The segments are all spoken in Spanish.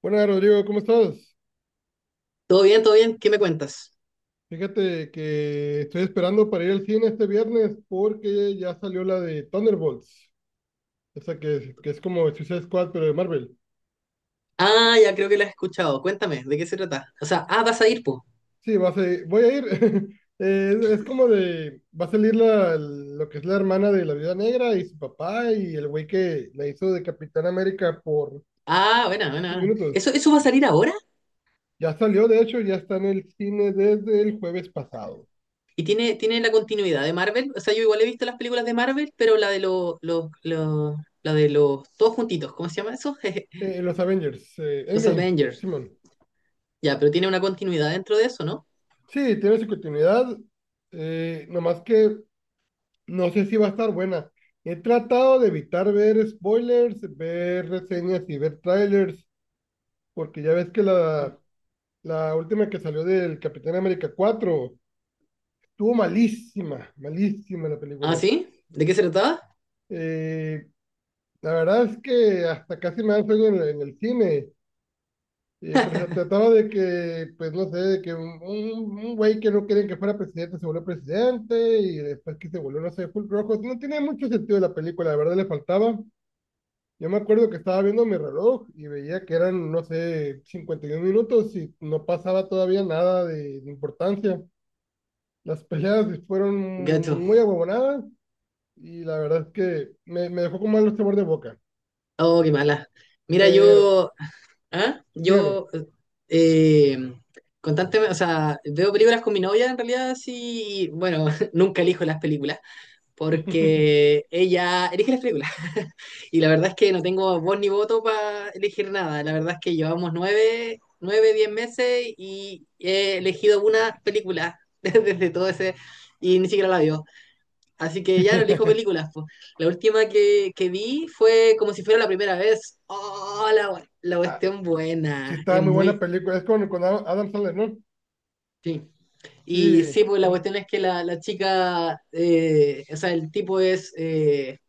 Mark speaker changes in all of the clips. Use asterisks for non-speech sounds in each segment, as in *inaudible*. Speaker 1: Hola Rodrigo, ¿cómo estás?
Speaker 2: Todo bien, todo bien. ¿Qué me cuentas?
Speaker 1: Fíjate que estoy esperando para ir al cine este viernes porque ya salió la de Thunderbolts, esa que es como Suicide Squad pero de Marvel.
Speaker 2: Ah, ya creo que la he escuchado. Cuéntame, ¿de qué se trata? O sea, vas a ir, po.
Speaker 1: Sí, voy a ir. *laughs* Es como de, va a salir lo que es la hermana de la Viuda Negra y su papá y el güey que la hizo de Capitán América por
Speaker 2: Ah, buena,
Speaker 1: cinco
Speaker 2: buena.
Speaker 1: minutos.
Speaker 2: ¿Eso va a salir ahora?
Speaker 1: Ya salió, de hecho, ya está en el cine desde el jueves pasado.
Speaker 2: ¿Y tiene la continuidad de Marvel? O sea, yo igual he visto las películas de Marvel, pero la de la de los, todos juntitos, ¿cómo se llama eso?
Speaker 1: Los Avengers,
Speaker 2: *laughs* Los
Speaker 1: Endgame,
Speaker 2: Avengers.
Speaker 1: Simón.
Speaker 2: Ya, pero tiene una continuidad dentro de eso, ¿no?
Speaker 1: Sí, tiene su continuidad, nomás que no sé si va a estar buena. He tratado de evitar ver spoilers, ver reseñas y ver trailers, porque ya ves que la última que salió del Capitán América 4 estuvo malísima, malísima la
Speaker 2: Ah,
Speaker 1: película.
Speaker 2: ¿sí? ¿De qué se trataba?
Speaker 1: Eh, la verdad es que hasta casi me da sueño en, el cine. Pero se trataba de que, pues no sé, de que un güey que no querían que fuera presidente se volvió presidente y después que se volvió, no sé, full rojo. No tiene mucho sentido la película, la verdad le faltaba. Yo me acuerdo que estaba viendo mi reloj y veía que eran, no sé, 51 minutos y no pasaba todavía nada de importancia. Las peleas *laughs*
Speaker 2: Gacho.
Speaker 1: fueron muy aguabonadas y la verdad es que me dejó con mal sabor de boca.
Speaker 2: Oh, qué mala. Mira,
Speaker 1: Pero,
Speaker 2: yo ¿Ah?
Speaker 1: dígame.
Speaker 2: Yo eh, constantemente, o sea, veo películas con mi novia en realidad, sí, y, bueno, *laughs* nunca elijo las películas, porque ella elige las películas. *laughs* Y la verdad es que no tengo voz ni voto para elegir nada. La verdad es que llevamos nueve, diez meses y he elegido una película *laughs* desde todo ese, y ni siquiera la vio. Así que ya no elijo
Speaker 1: *laughs*
Speaker 2: películas. Po. La última que vi fue como si fuera la primera vez. ¡Oh, la, gua- la
Speaker 1: *laughs*
Speaker 2: cuestión
Speaker 1: Sí,
Speaker 2: buena!
Speaker 1: estaba
Speaker 2: Es
Speaker 1: muy buena
Speaker 2: muy...
Speaker 1: película. Es con Adam Sandler, ¿no?
Speaker 2: Sí. Y sí,
Speaker 1: Sí.
Speaker 2: pues la
Speaker 1: mm,
Speaker 2: cuestión es que la chica, o sea, el tipo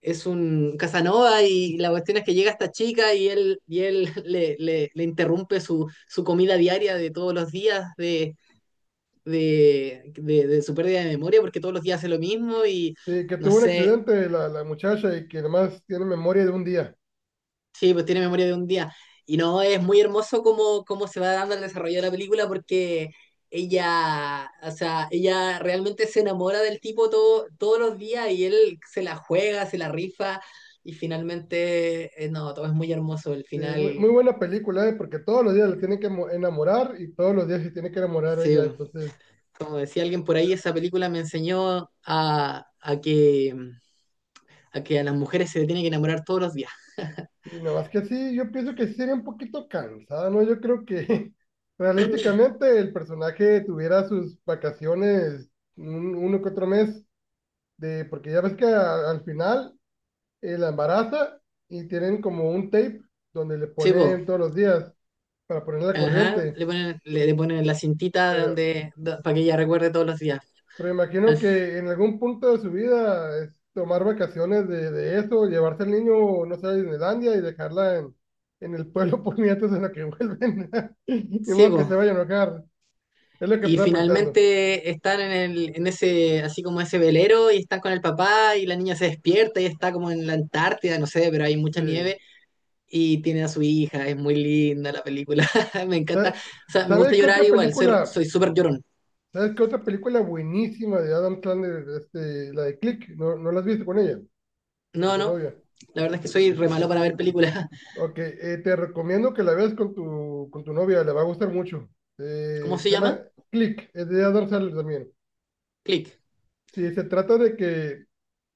Speaker 2: es un Casanova y la cuestión es que llega esta chica y él *laughs* le interrumpe su comida diaria de todos los días de su pérdida de memoria porque todos los días hace lo mismo y
Speaker 1: sí, que
Speaker 2: no
Speaker 1: tuvo un
Speaker 2: sé,
Speaker 1: accidente la muchacha y que además tiene memoria de un día.
Speaker 2: Sí, pues tiene memoria de un día. Y no, es muy hermoso cómo, cómo se va dando el desarrollo de la película porque ella, o sea, ella realmente se enamora del tipo todo, todos los días y él se la juega, se la rifa y finalmente, no, todo es muy hermoso. El
Speaker 1: Sí, muy,
Speaker 2: final,
Speaker 1: muy buena película, ¿eh? Porque todos los días le tienen que enamorar y todos los días se tiene que enamorar a
Speaker 2: sí,
Speaker 1: ella. Entonces,
Speaker 2: como decía alguien por ahí, esa película me enseñó a que, a que a las mujeres se le tiene que enamorar todos los días.
Speaker 1: sí, nada más que sí, yo pienso que sí sería un poquito cansada, ¿no? Yo creo que *laughs* realísticamente el personaje tuviera sus vacaciones uno que otro mes, porque ya ves que al final, la embaraza y tienen como un tape donde le
Speaker 2: Sí, po.
Speaker 1: ponen todos los días para ponerla la
Speaker 2: Ajá,
Speaker 1: corriente.
Speaker 2: le ponen, le ponen la cintita
Speaker 1: Pero,
Speaker 2: donde, para que ella recuerde todos los días.
Speaker 1: pero
Speaker 2: Al,
Speaker 1: imagino
Speaker 2: f-
Speaker 1: que en algún punto de su vida es tomar vacaciones de eso, llevarse al niño, no sé, a Disneylandia y dejarla en el pueblo *laughs* por nietos en la que vuelven. *laughs* De
Speaker 2: sí,
Speaker 1: modo que se
Speaker 2: po.
Speaker 1: vayan a enojar. Es lo que
Speaker 2: Y
Speaker 1: estaba pensando.
Speaker 2: finalmente están en el, en ese, así como ese velero, y están con el papá, y la niña se despierta y está como en la Antártida, no sé, pero hay mucha nieve,
Speaker 1: Sí.
Speaker 2: y tiene a su hija, es muy linda la película, *laughs* me encanta.
Speaker 1: Sa-
Speaker 2: O sea, me gusta
Speaker 1: ¿Sabes qué
Speaker 2: llorar
Speaker 1: otra
Speaker 2: igual, soy
Speaker 1: película?
Speaker 2: soy súper llorón.
Speaker 1: ¿Sabes qué otra película buenísima de Adam Sandler, este, la de Click? ¿No, no la has visto con ella, con
Speaker 2: No,
Speaker 1: tu
Speaker 2: no,
Speaker 1: novia?
Speaker 2: la verdad es que soy re malo para ver películas. *laughs*
Speaker 1: Ok, te recomiendo que la veas con tu novia, le va a gustar mucho.
Speaker 2: ¿Cómo
Speaker 1: Se
Speaker 2: se
Speaker 1: llama
Speaker 2: llama?
Speaker 1: Click, es de Adam Sandler también.
Speaker 2: Click.
Speaker 1: Sí, se trata de que,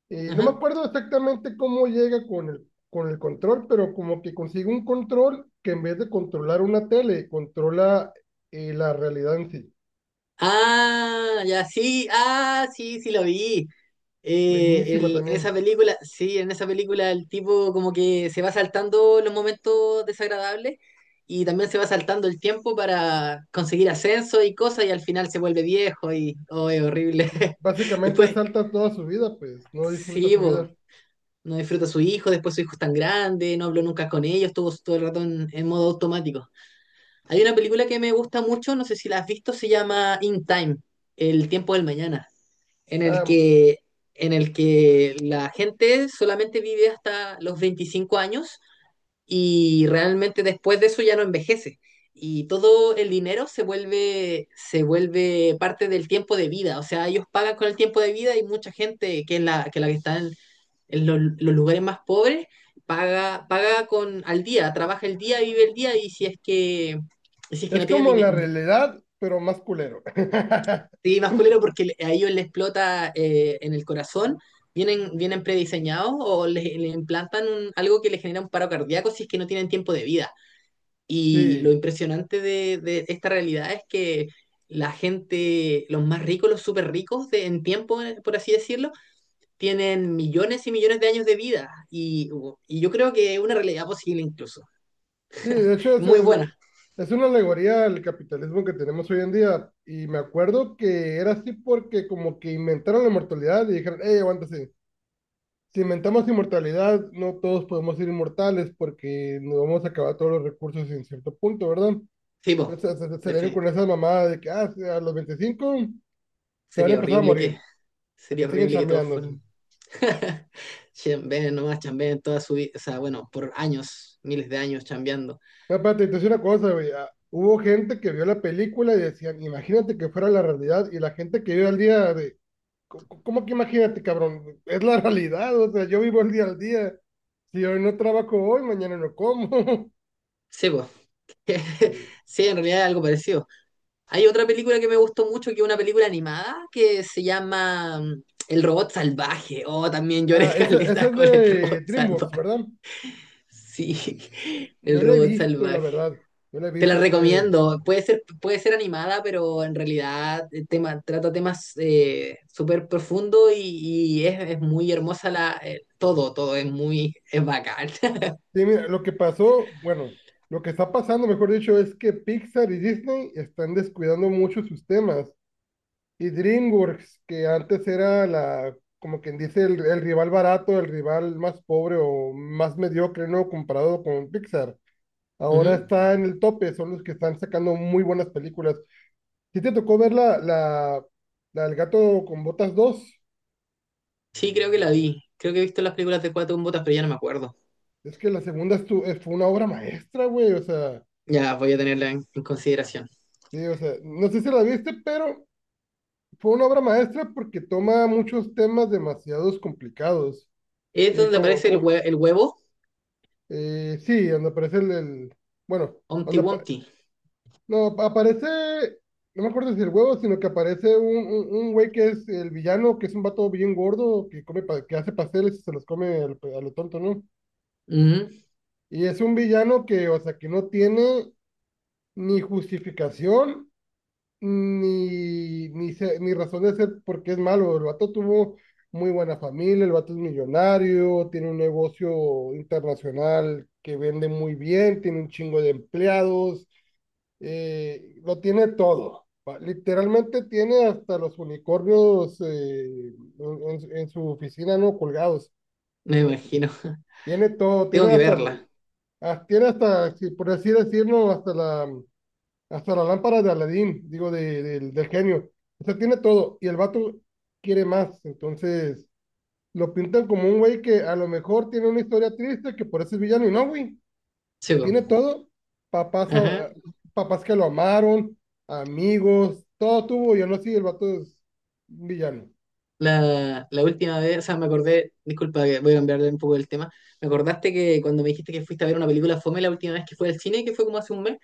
Speaker 1: no me
Speaker 2: Ajá.
Speaker 1: acuerdo exactamente cómo llega con el control, pero como que consigue un control que en vez de controlar una tele, controla, la realidad en sí.
Speaker 2: Ah, ya sí, ah, sí, sí lo vi.
Speaker 1: Buenísima
Speaker 2: En esa
Speaker 1: también.
Speaker 2: película, sí, en esa película el tipo como que se va saltando los momentos desagradables y también se va saltando el tiempo para conseguir ascenso y cosas y al final se vuelve viejo y, oh, es horrible.
Speaker 1: Eh,
Speaker 2: *laughs*
Speaker 1: Básicamente
Speaker 2: Después,
Speaker 1: salta toda su vida, pues, no disfruta
Speaker 2: sí,
Speaker 1: su
Speaker 2: bo,
Speaker 1: vida.
Speaker 2: no disfruta a su hijo, después su hijo es tan grande, no habló nunca con ellos, estuvo todo el rato en modo automático. Hay una película que me gusta mucho, no sé si la has visto, se llama In Time, el tiempo del mañana en el
Speaker 1: Ah,
Speaker 2: que, en el que la gente solamente vive hasta los 25 años y realmente después de eso ya no envejece. Y todo el dinero se vuelve parte del tiempo de vida. O sea, ellos pagan con el tiempo de vida y mucha gente que es la que está en los lugares más pobres paga, paga con al día, trabaja el día, vive el día y si es que, si es que
Speaker 1: es
Speaker 2: no tienen,
Speaker 1: como la
Speaker 2: dine-
Speaker 1: realidad, pero más culero. *laughs*
Speaker 2: Sí, más porque le- a ellos les explota en el corazón. ¿Vienen prediseñados o les implantan un- algo que les genera un paro cardíaco si es que no tienen tiempo de vida? Y lo
Speaker 1: Sí.
Speaker 2: impresionante de esta realidad es que la gente, los más ricos, los súper ricos de, en tiempo, por así decirlo, tienen millones y millones de años de vida. Y yo creo que es una realidad posible incluso.
Speaker 1: Sí, de hecho es,
Speaker 2: Muy
Speaker 1: es,
Speaker 2: buena.
Speaker 1: es una alegoría al capitalismo que tenemos hoy en día. Y me acuerdo que era así porque como que inventaron la inmortalidad y dijeron, hey, aguántese, si inventamos inmortalidad, no todos podemos ser inmortales porque nos vamos a acabar todos los recursos en cierto punto, ¿verdad?
Speaker 2: Sí, po,
Speaker 1: Entonces se dieron con
Speaker 2: definitivamente.
Speaker 1: esa mamada de que ah, sí, a los 25 se van a
Speaker 2: Sería
Speaker 1: empezar a
Speaker 2: horrible que,
Speaker 1: morir, para
Speaker 2: sería
Speaker 1: que siguen
Speaker 2: horrible que todos
Speaker 1: chambeándose.
Speaker 2: fueran *laughs* Chambeen nomás, chambeen toda su vida, o sea, bueno, por años, miles de años chambeando.
Speaker 1: No, espérate, te una cosa, güey. Hubo gente que vio la película y decían, imagínate que fuera la realidad y la gente que vive al día de... ¿Cómo que imagínate, cabrón? Es la realidad, o sea, yo vivo el día al día. Si hoy no trabajo hoy, mañana no como. *laughs*
Speaker 2: Sí, pues.
Speaker 1: Sí.
Speaker 2: *laughs* Sí, en realidad es algo parecido. Hay otra película que me gustó mucho, que es una película animada, que se llama El robot salvaje. Oh, también
Speaker 1: Ah,
Speaker 2: lloré *laughs*
Speaker 1: esa
Speaker 2: caleta
Speaker 1: es
Speaker 2: con el
Speaker 1: de
Speaker 2: robot
Speaker 1: DreamWorks,
Speaker 2: salvaje.
Speaker 1: ¿verdad?
Speaker 2: Sí, *laughs* el
Speaker 1: No la he
Speaker 2: robot
Speaker 1: visto, la
Speaker 2: salvaje.
Speaker 1: verdad. No la he
Speaker 2: Te la
Speaker 1: visto.
Speaker 2: recomiendo. Puede ser animada, pero en realidad el tema, trata temas súper profundos y es muy hermosa la, todo, todo es muy, es bacán. *laughs*
Speaker 1: Sí, mira, lo que pasó, bueno, lo que está pasando, mejor dicho, es que Pixar y Disney están descuidando mucho sus temas. Y DreamWorks, que antes era la, como quien dice, el rival barato, el rival más pobre o más mediocre, ¿no? Comparado con Pixar. Ahora
Speaker 2: Ujú.
Speaker 1: está en el tope, son los que están sacando muy buenas películas. ¿Sí te tocó ver la, la, la El gato con botas dos?
Speaker 2: Sí, creo que la vi. Creo que he visto las películas de Cuatro Botas, pero ya no me acuerdo.
Speaker 1: Es que la segunda fue una obra maestra, güey, o sea,
Speaker 2: Ya voy a tenerla en consideración.
Speaker 1: sí, o sea, no sé si la viste, pero fue una obra maestra porque toma muchos temas demasiados complicados.
Speaker 2: Es donde
Speaker 1: Como,
Speaker 2: aparece el, hue- el huevo,
Speaker 1: sí, donde aparece el, bueno,
Speaker 2: Humpty
Speaker 1: donde,
Speaker 2: Wumpty.
Speaker 1: no, aparece, no me acuerdo si el huevo, sino que aparece un güey que es el villano, que es un vato bien gordo, que come, que hace pasteles y se los come a lo tonto, ¿no?
Speaker 2: Ujú,
Speaker 1: Y es un villano que, o sea, que no tiene ni justificación, ni razón de ser porque es malo. El vato tuvo muy buena familia, el vato es millonario, tiene un negocio internacional que vende muy bien, tiene un chingo de empleados, lo tiene todo. Literalmente tiene hasta los unicornios, en, en su oficina, ¿no? Colgados.
Speaker 2: me
Speaker 1: Tiene,
Speaker 2: imagino. *laughs*
Speaker 1: tiene todo,
Speaker 2: Tengo
Speaker 1: tiene
Speaker 2: que
Speaker 1: hasta
Speaker 2: verla.
Speaker 1: el, ah, tiene hasta, si por así decirlo, hasta la lámpara de Aladín, digo, del genio. O sea, tiene todo. Y el vato quiere más. Entonces, lo pintan como un güey que a lo mejor tiene una historia triste, que por eso es villano. Y no, güey.
Speaker 2: Sí,
Speaker 1: Lo
Speaker 2: po.
Speaker 1: tiene todo. Papás,
Speaker 2: Ajá.
Speaker 1: ah, papás que lo amaron, amigos, todo tuvo. Yo no sé, el vato es un villano.
Speaker 2: La última vez, o sea, me acordé, disculpa, que voy a cambiarle un poco el tema. Me acordaste que cuando me dijiste que fuiste a ver una película fome la última vez que fue al cine, que fue como hace un mes,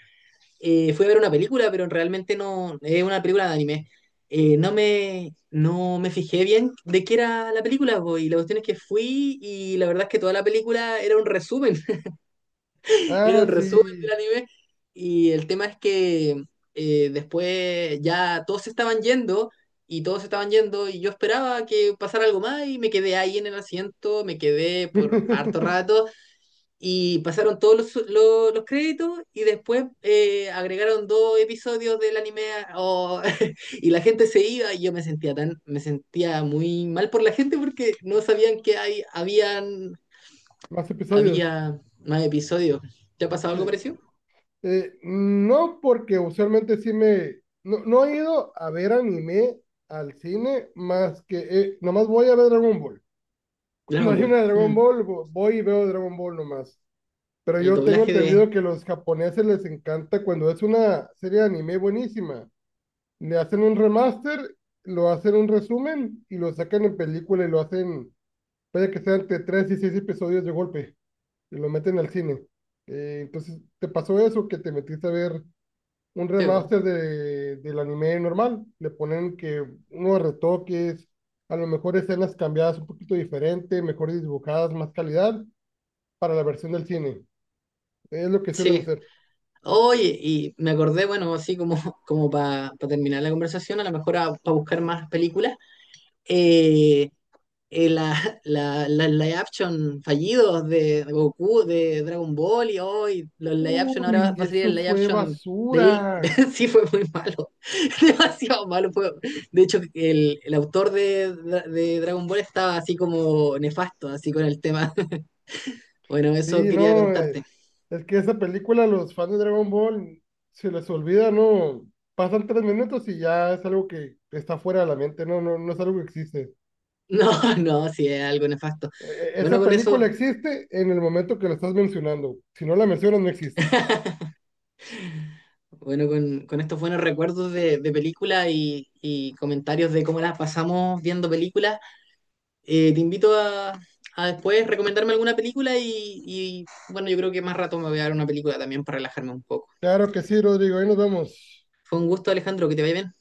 Speaker 2: fui a ver una película, pero realmente no, es una película de anime. No me fijé bien de qué era la película, po, y la cuestión es que fui y la verdad es que toda la película era
Speaker 1: Ah,
Speaker 2: un resumen
Speaker 1: sí.
Speaker 2: del anime. Y el tema es que después ya todos se estaban yendo y todos se estaban yendo y yo esperaba que pasara algo más y me quedé ahí en el asiento, me quedé por harto
Speaker 1: *laughs*
Speaker 2: rato y pasaron todos los créditos y después agregaron dos episodios del anime o- *laughs* y la gente se iba y yo me sentía tan, me sentía muy mal por la gente porque no sabían que hay, habían,
Speaker 1: Más episodios.
Speaker 2: había más episodios. ¿Te ha pasado
Speaker 1: Sí.
Speaker 2: algo parecido?
Speaker 1: No, porque usualmente sí me. No, no he ido a ver anime al cine más que. Nomás voy a ver Dragon Ball. *laughs* Cuando
Speaker 2: Dragon
Speaker 1: hay
Speaker 2: Ball.
Speaker 1: una Dragon Ball, voy y veo Dragon Ball nomás. Pero
Speaker 2: El
Speaker 1: yo tengo
Speaker 2: doblaje de
Speaker 1: entendido que los japoneses les encanta cuando es una serie de anime buenísima. Le hacen un remaster, lo hacen un resumen y lo sacan en película y lo hacen, vaya que sean entre 3 y 6 episodios de golpe y lo meten al cine. Entonces, ¿te pasó eso que te metiste a ver un
Speaker 2: Tebo.
Speaker 1: remaster del anime normal? Le ponen que unos retoques, a lo mejor escenas cambiadas un poquito diferente, mejor dibujadas, más calidad para la versión del cine. Es lo que suelen
Speaker 2: Sí.
Speaker 1: hacer.
Speaker 2: Oye, y me acordé, bueno, así como, *laughs* como para terminar la conversación, a lo mejor para buscar más películas. eh, eh, la, la, la live action fallidos de Goku, de Dragon Ball y hoy los live action, ahora va,
Speaker 1: Uy,
Speaker 2: va a salir
Speaker 1: eso
Speaker 2: el live
Speaker 1: fue
Speaker 2: action de Lil.
Speaker 1: basura.
Speaker 2: *laughs* Sí, fue muy malo. *laughs* Demasiado malo fue. De hecho, el autor de Dragon Ball estaba así como nefasto, así con el tema. *laughs* Bueno, eso
Speaker 1: Sí,
Speaker 2: quería
Speaker 1: no,
Speaker 2: contarte.
Speaker 1: es que esa película, los fans de Dragon Ball, se les olvida, ¿no? Pasan 3 minutos y ya es algo que está fuera de la mente, no, no, no es algo que existe.
Speaker 2: *laughs* No, no, sí, es algo nefasto. Bueno,
Speaker 1: Esa
Speaker 2: con
Speaker 1: película
Speaker 2: eso,
Speaker 1: existe en el momento que la estás mencionando. Si no la mencionas, no existe.
Speaker 2: bueno, con estos buenos recuerdos de películas y comentarios de cómo las pasamos viendo películas, te invito a después recomendarme alguna película y, bueno, yo creo que más rato me voy a ver una película también para relajarme un poco.
Speaker 1: Claro que sí, Rodrigo, ahí nos vemos.
Speaker 2: Fue un gusto, Alejandro, que te vaya bien.